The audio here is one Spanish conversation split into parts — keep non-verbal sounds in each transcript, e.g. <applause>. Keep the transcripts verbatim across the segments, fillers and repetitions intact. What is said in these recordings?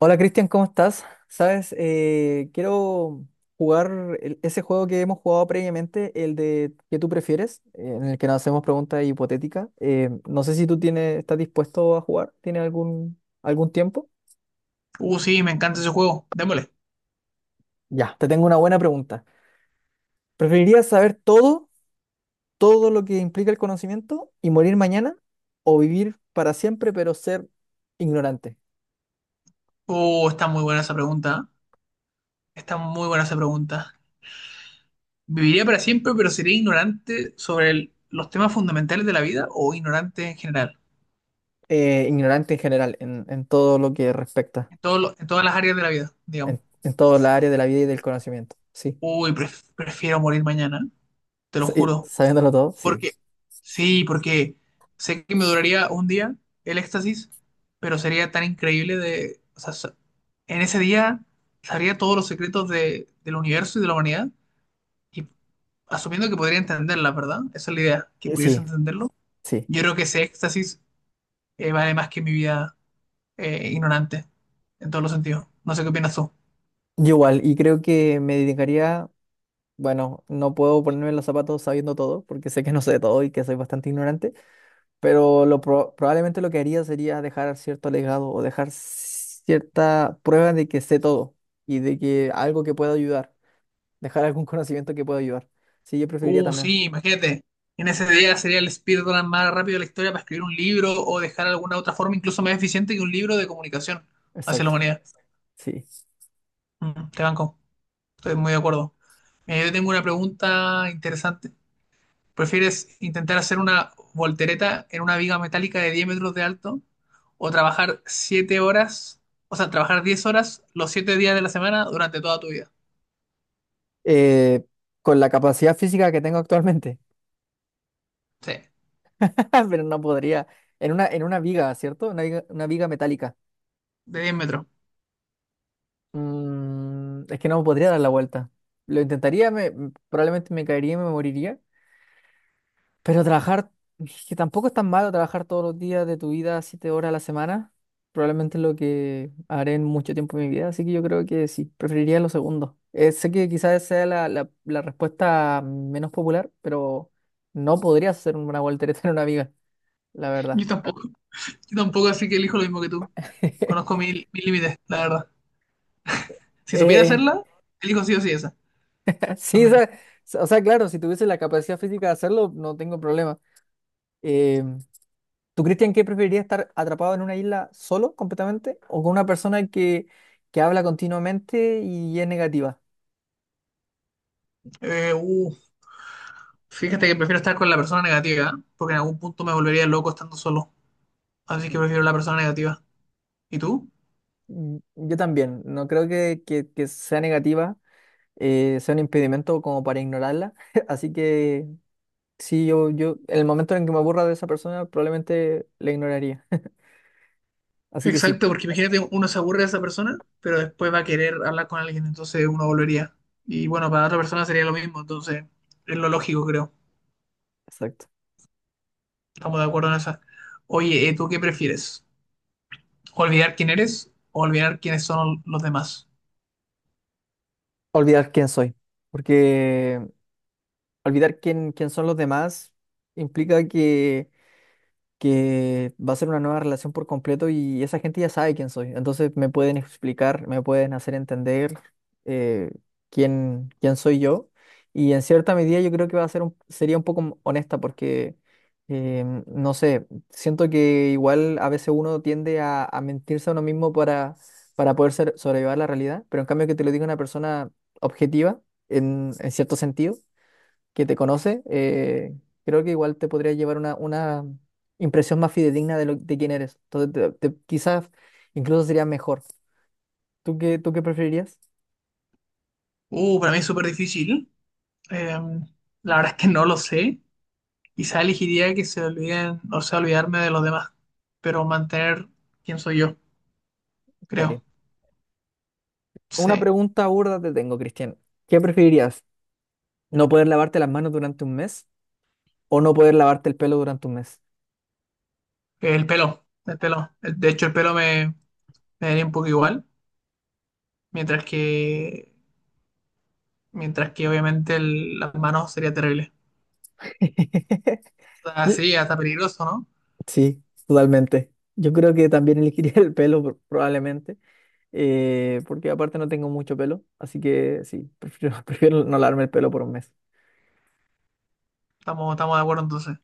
Hola Cristian, ¿cómo estás? Sabes, eh, quiero jugar el- ese juego que hemos jugado previamente, el de ¿qué tú prefieres? eh, en el que nos hacemos preguntas hipotéticas. Eh, no sé si tú tienes, estás dispuesto a jugar, ¿tienes algún, algún tiempo? Uh, sí, me encanta ese juego. Démosle. Ya, te tengo una buena pregunta. ¿Preferirías saber todo, todo lo que implica el conocimiento y morir mañana o vivir para siempre pero ser ignorante? Uh, está muy buena esa pregunta. ¿Eh? Está muy buena esa pregunta. ¿Viviría para siempre, pero sería ignorante sobre el- los temas fundamentales de la vida o ignorante en general? Eh, ignorante en general, en, en todo lo que respecta, En todo lo- en todas las áreas de la vida, digamos. en, en toda la área de la vida y del conocimiento. Sí. Uy, pref- prefiero morir mañana, te lo Sí, juro. sabiéndolo todo, sí. Porque, sí, porque sé que me duraría un día el éxtasis, pero sería tan increíble de... O sea, sa- en ese día sabría todos los secretos de- del universo y de la humanidad, asumiendo que podría entenderla, ¿verdad? Esa es la idea, que Eh, pudiese Sí, entenderlo. sí. Yo creo que ese éxtasis eh, vale más que mi vida eh, ignorante, en todos los sentidos. No sé qué opinas tú. Yo igual, y creo que me dedicaría, bueno, no puedo ponerme los zapatos sabiendo todo, porque sé que no sé todo y que soy bastante ignorante, pero lo pro- probablemente lo que haría sería dejar cierto legado o dejar cierta prueba de que sé todo y de que algo que pueda ayudar, dejar algún conocimiento que pueda ayudar. Sí, yo preferiría Uh, también. Sí, imagínate. En ese día sería el speedrun más rápido de la historia para escribir un libro o dejar alguna otra forma incluso más eficiente que un libro de comunicación hacia la Exacto, humanidad. sí. Mm, te banco, estoy muy de acuerdo. Eh, yo tengo una pregunta interesante. ¿Prefieres intentar hacer una voltereta en una viga metálica de diez metros de alto o trabajar siete horas, o sea, trabajar diez horas los siete días de la semana durante toda tu vida? Eh, con la capacidad física que tengo actualmente. Sí, <laughs> Pero no podría. En una, en una viga, ¿cierto? Una viga, una viga metálica. de diez metros. Mm, es que no podría dar la vuelta. Lo intentaría, me, mm, probablemente me caería y me moriría. Pero trabajar, es que tampoco es tan malo trabajar todos los días de tu vida, siete horas a la semana. Probablemente es lo que haré en mucho tiempo de mi vida. Así que yo creo que sí, preferiría lo segundo. Eh, sé que quizás sea la, la, la respuesta menos popular, pero no podrías hacer una voltereta en una viga, la verdad. Yo tampoco, yo tampoco, así que elijo lo mismo que tú. Conozco <laughs> mi- mis límites, la verdad. Si supiera Eh, hacerla, elijo sí o sí esa. Sí, o También. sea, s- o sea, claro, si tuviese la capacidad física de hacerlo, no tengo problema. Eh, ¿tú, Cristian, qué preferirías estar atrapado en una isla solo completamente o con una persona que, que habla continuamente y es negativa? Eh, uh, Fíjate que prefiero estar con la persona negativa, ¿eh? Porque en algún punto me volvería loco estando solo. Así que Mm, prefiero la persona negativa. ¿Y tú? mm, yo también, no creo que, que- que sea negativa, eh, sea un impedimento como para ignorarla. <laughs> Así que sí, yo, yo, en el momento en que me aburra de esa persona, probablemente la ignoraría. Así que sí, Exacto, porque imagínate, uno se aburre de esa persona, pero después va a querer hablar con alguien, entonces uno volvería. Y bueno, para otra persona sería lo mismo, entonces es lo lógico, creo. exacto. Estamos de acuerdo en eso. Oye, eh, ¿tú qué prefieres? ¿Olvidar quién eres o olvidar quiénes son los demás? Olvidar quién soy, porque olvidar quién, quién son los demás implica que, que va a ser una nueva relación por completo y esa gente ya sabe quién soy. Entonces me pueden explicar, me pueden hacer entender eh, quién, quién soy yo. Y en cierta medida yo creo que va a ser un- sería un poco m- honesta porque, em, no sé, siento que igual a veces uno tiende a, a mentirse a uno mismo para, para poder ser- sobrellevar la realidad, pero en cambio que te lo diga una persona objetiva en en cierto sentido que te conoce, eh, creo que igual te podría llevar una, una impresión más fidedigna de, lo, de quién eres. Entonces, te- te- quizás incluso sería mejor. ¿Tú qué, tú qué preferirías? Uh, para mí es súper difícil. Eh, la verdad es que no lo sé. Quizá elegiría que se olviden, o sea, olvidarme de los demás, pero mantener quién soy yo, Serio. creo. Una Sí. pregunta burda te tengo, Cristian. ¿Qué preferirías? ¿No poder lavarte las manos durante un mes o no poder lavarte el pelo durante un mes? El pelo, el pelo. El- De hecho, el pelo me, me daría un poco igual, mientras que, mientras que obviamente el- las manos sería terrible. <laughs> Yo- Así, hasta peligroso, ¿no? Sí, totalmente. Yo creo que también <laughs> elegiría el pelo pro- probablemente, eh, porque aparte no tengo mucho pelo, así que sí, prefiero, <laughs> prefiero no lavarme el pelo por un mes. Estamos, estamos de acuerdo entonces.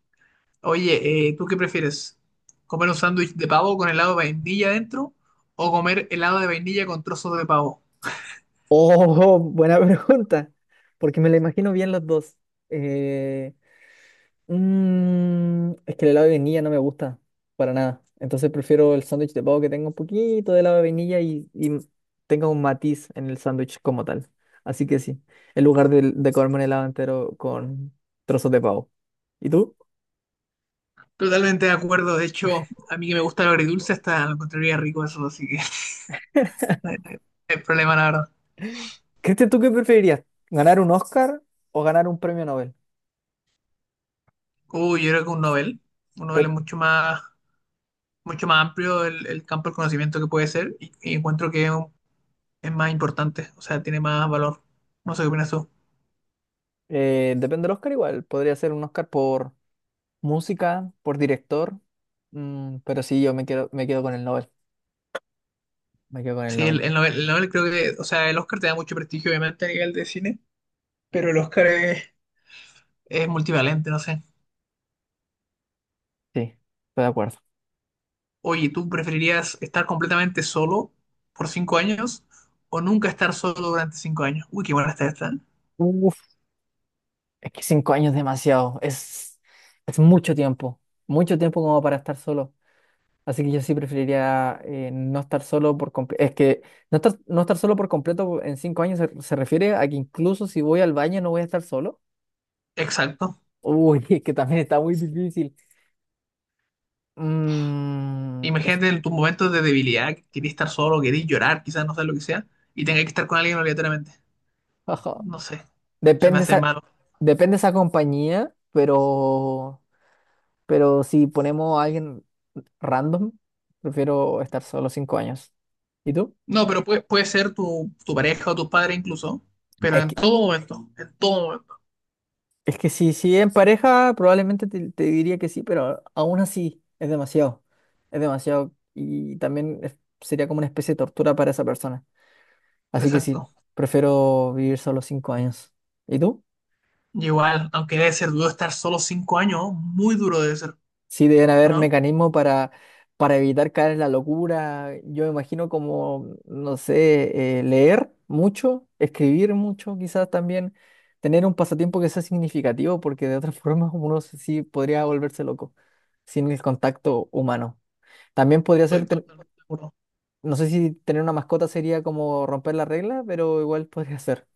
Oye, eh, ¿tú qué prefieres? ¿Comer un sándwich de pavo con helado de vainilla dentro o comer helado de vainilla con trozos de pavo? Oh, <laughs> buena pregunta, porque me la imagino bien los dos. Eh, mm, es que el helado de vainilla no me gusta para nada, entonces prefiero el sándwich de pavo que tenga un poquito de helado de vainilla y, y tenga un matiz en el sándwich como tal. Así que sí, en lugar de, de comerme un helado entero con trozos de pavo. ¿Y tú? Totalmente de acuerdo. De hecho, a mí que me gusta lo agridulce hasta lo encontraría rico eso, así que <laughs> no hay no hay- no problema, la verdad. Cristian, ¿tú qué preferirías? ¿Ganar un Oscar o ganar un premio Nobel? Uy, yo creo que un novel. Un novel es Pero, mucho más, mucho más amplio el, el campo del conocimiento que puede ser y, y encuentro que es un es más importante, o sea, tiene más valor. No sé qué opinas tú. eh, depende del Oscar igual, podría ser un Oscar por... Música por director, mm, pero sí, yo me quedo, me quedo con el Nobel. Me quedo con el Sí, Nobel. el, el Nobel, el Nobel creo que, o sea, el Oscar te da mucho prestigio, obviamente, a nivel de cine, pero el Oscar es, es multivalente, no sé. Sí, estoy de acuerdo. Oye, ¿tú preferirías estar completamente solo por cinco años o nunca estar solo durante cinco años? Uy, qué buena está esta. ¿Eh? Uf, es que cinco años es demasiado. Es, es mucho tiempo. Mucho tiempo como para estar solo. Así que yo sí preferiría eh, no estar solo por completo. Es que no estar, no estar solo por completo en cinco años se, se refiere a que incluso si voy al baño no voy a estar solo. Exacto. Uy, <laughs> es que también está muy difícil. Mm, es- Imagínate en tus momentos de debilidad, que querías estar solo, querías llorar, quizás no sé lo que sea, y tengas que estar con alguien obligatoriamente. <laughs> No sé, se me Depende hace esa, malo. depende esa compañía, pero, pero si ponemos a alguien random, prefiero estar solo cinco años. ¿Y tú? No, pero puede, puede ser tu, tu pareja o tu padre incluso, pero Es en que, todo momento, en todo momento. es que si, si en pareja, probablemente te, te diría que sí, pero aún así es demasiado. Es demasiado y también es- sería como una especie de tortura para esa persona. Así que Exacto. sí, prefiero vivir solo cinco años. ¿Y tú? Y igual, aunque debe ser duro estar solo cinco años, muy duro debe ser, Sí, deben ¿o haber no? mecanismos para, para evitar caer en la locura. Yo me imagino como, no sé, eh, leer mucho, escribir mucho, quizás también tener un pasatiempo que sea significativo, porque de otra <laughs> forma uno se- sí podría volverse loco sin el contacto humano. También podría ser, Estoy ten- totalmente de acuerdo. no sé si tener una mascota sería como romper la regla, pero igual podría ser.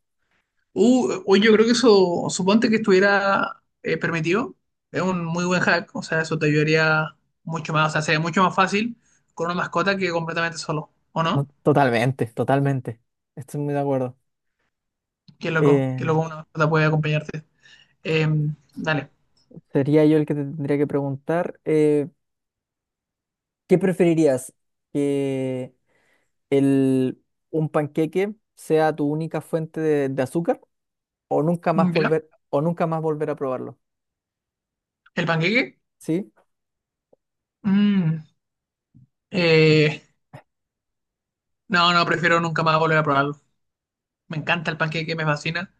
Uh, hoy yo creo que eso, suponte que estuviera eh, permitido, es un muy buen hack, o sea, eso te ayudaría mucho más, o sea, sería mucho más fácil con una mascota que completamente solo, ¿o No, no? totalmente, totalmente. Estoy muy de acuerdo. Qué loco, qué loco Eh, una mascota puede acompañarte. Em, dale. sería yo el que te tendría que preguntar. Eh, ¿Qué preferirías? ¿Que el, un panqueque sea tu única fuente de, de azúcar o nunca más ¿Ya? volver, o nunca más volver a probarlo? ¿El panqueque? ¿Sí? Mm, eh, No, no, prefiero nunca más volver a probarlo. Me encanta el panqueque, me fascina,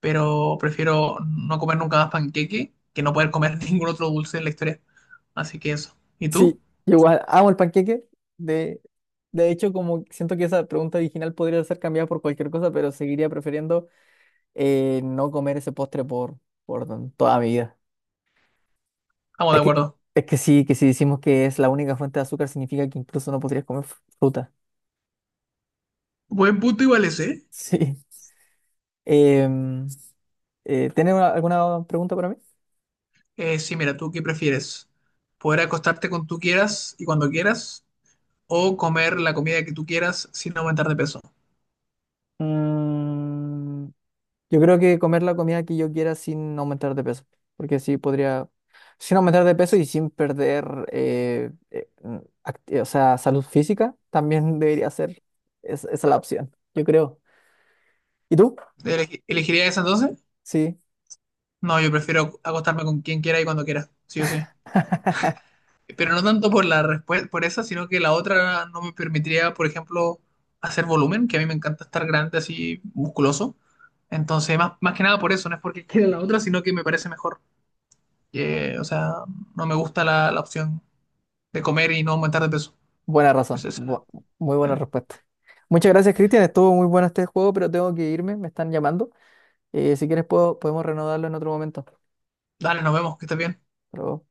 pero prefiero no comer nunca más panqueque que no poder comer <laughs> ningún otro dulce en la historia. Así que eso. ¿Y tú? Sí, igual amo el panqueque. De, de hecho, como siento que esa pregunta original podría ser cambiada por cualquier cosa, pero seguiría prefiriendo eh, no comer ese postre por, por toda mi vida. Estamos de Es que, acuerdo. es que sí, que si decimos que es la única fuente de azúcar significa que incluso no podrías comer fr- fruta. Buen punto igual ese. <laughs> Sí. Em, eh, ¿tienes una- alguna pregunta para mí? Eh, sí, mira, ¿tú qué prefieres? ¿Poder acostarte con tú quieras y cuando quieras? ¿O comer la comida que tú quieras sin aumentar de peso? Mm, yo creo que comer la comida que yo quiera sin aumentar de peso, porque así podría, sin aumentar de peso y sin perder, eh, eh, mm, act- o sea, salud física, también debería ser es- esa la opción, yo creo. ¿Y tú? ¿Elegi- Elegirías esa entonces? Sí, No, yo prefiero acostarme con quien quiera y cuando quiera. Sí o sí. Pero no tanto por la respuesta, por esa, sino que la otra no me permitiría, por ejemplo, hacer volumen, que a mí me encanta estar grande así, musculoso. Entonces, más, más que nada por eso, no es porque quiera la otra, sino que me parece mejor. Que, o sea, no me gusta la, la opción de comer y no aumentar de peso. buena razón, Esa es la- bu- muy buena eh. respuesta. Muchas gracias, Cristian, estuvo muy bueno este juego, pero tengo que irme, me están llamando. Eh, si quieres puedo, podemos renovarlo en otro momento. Hasta Dale, nos vemos, que estés bien. luego.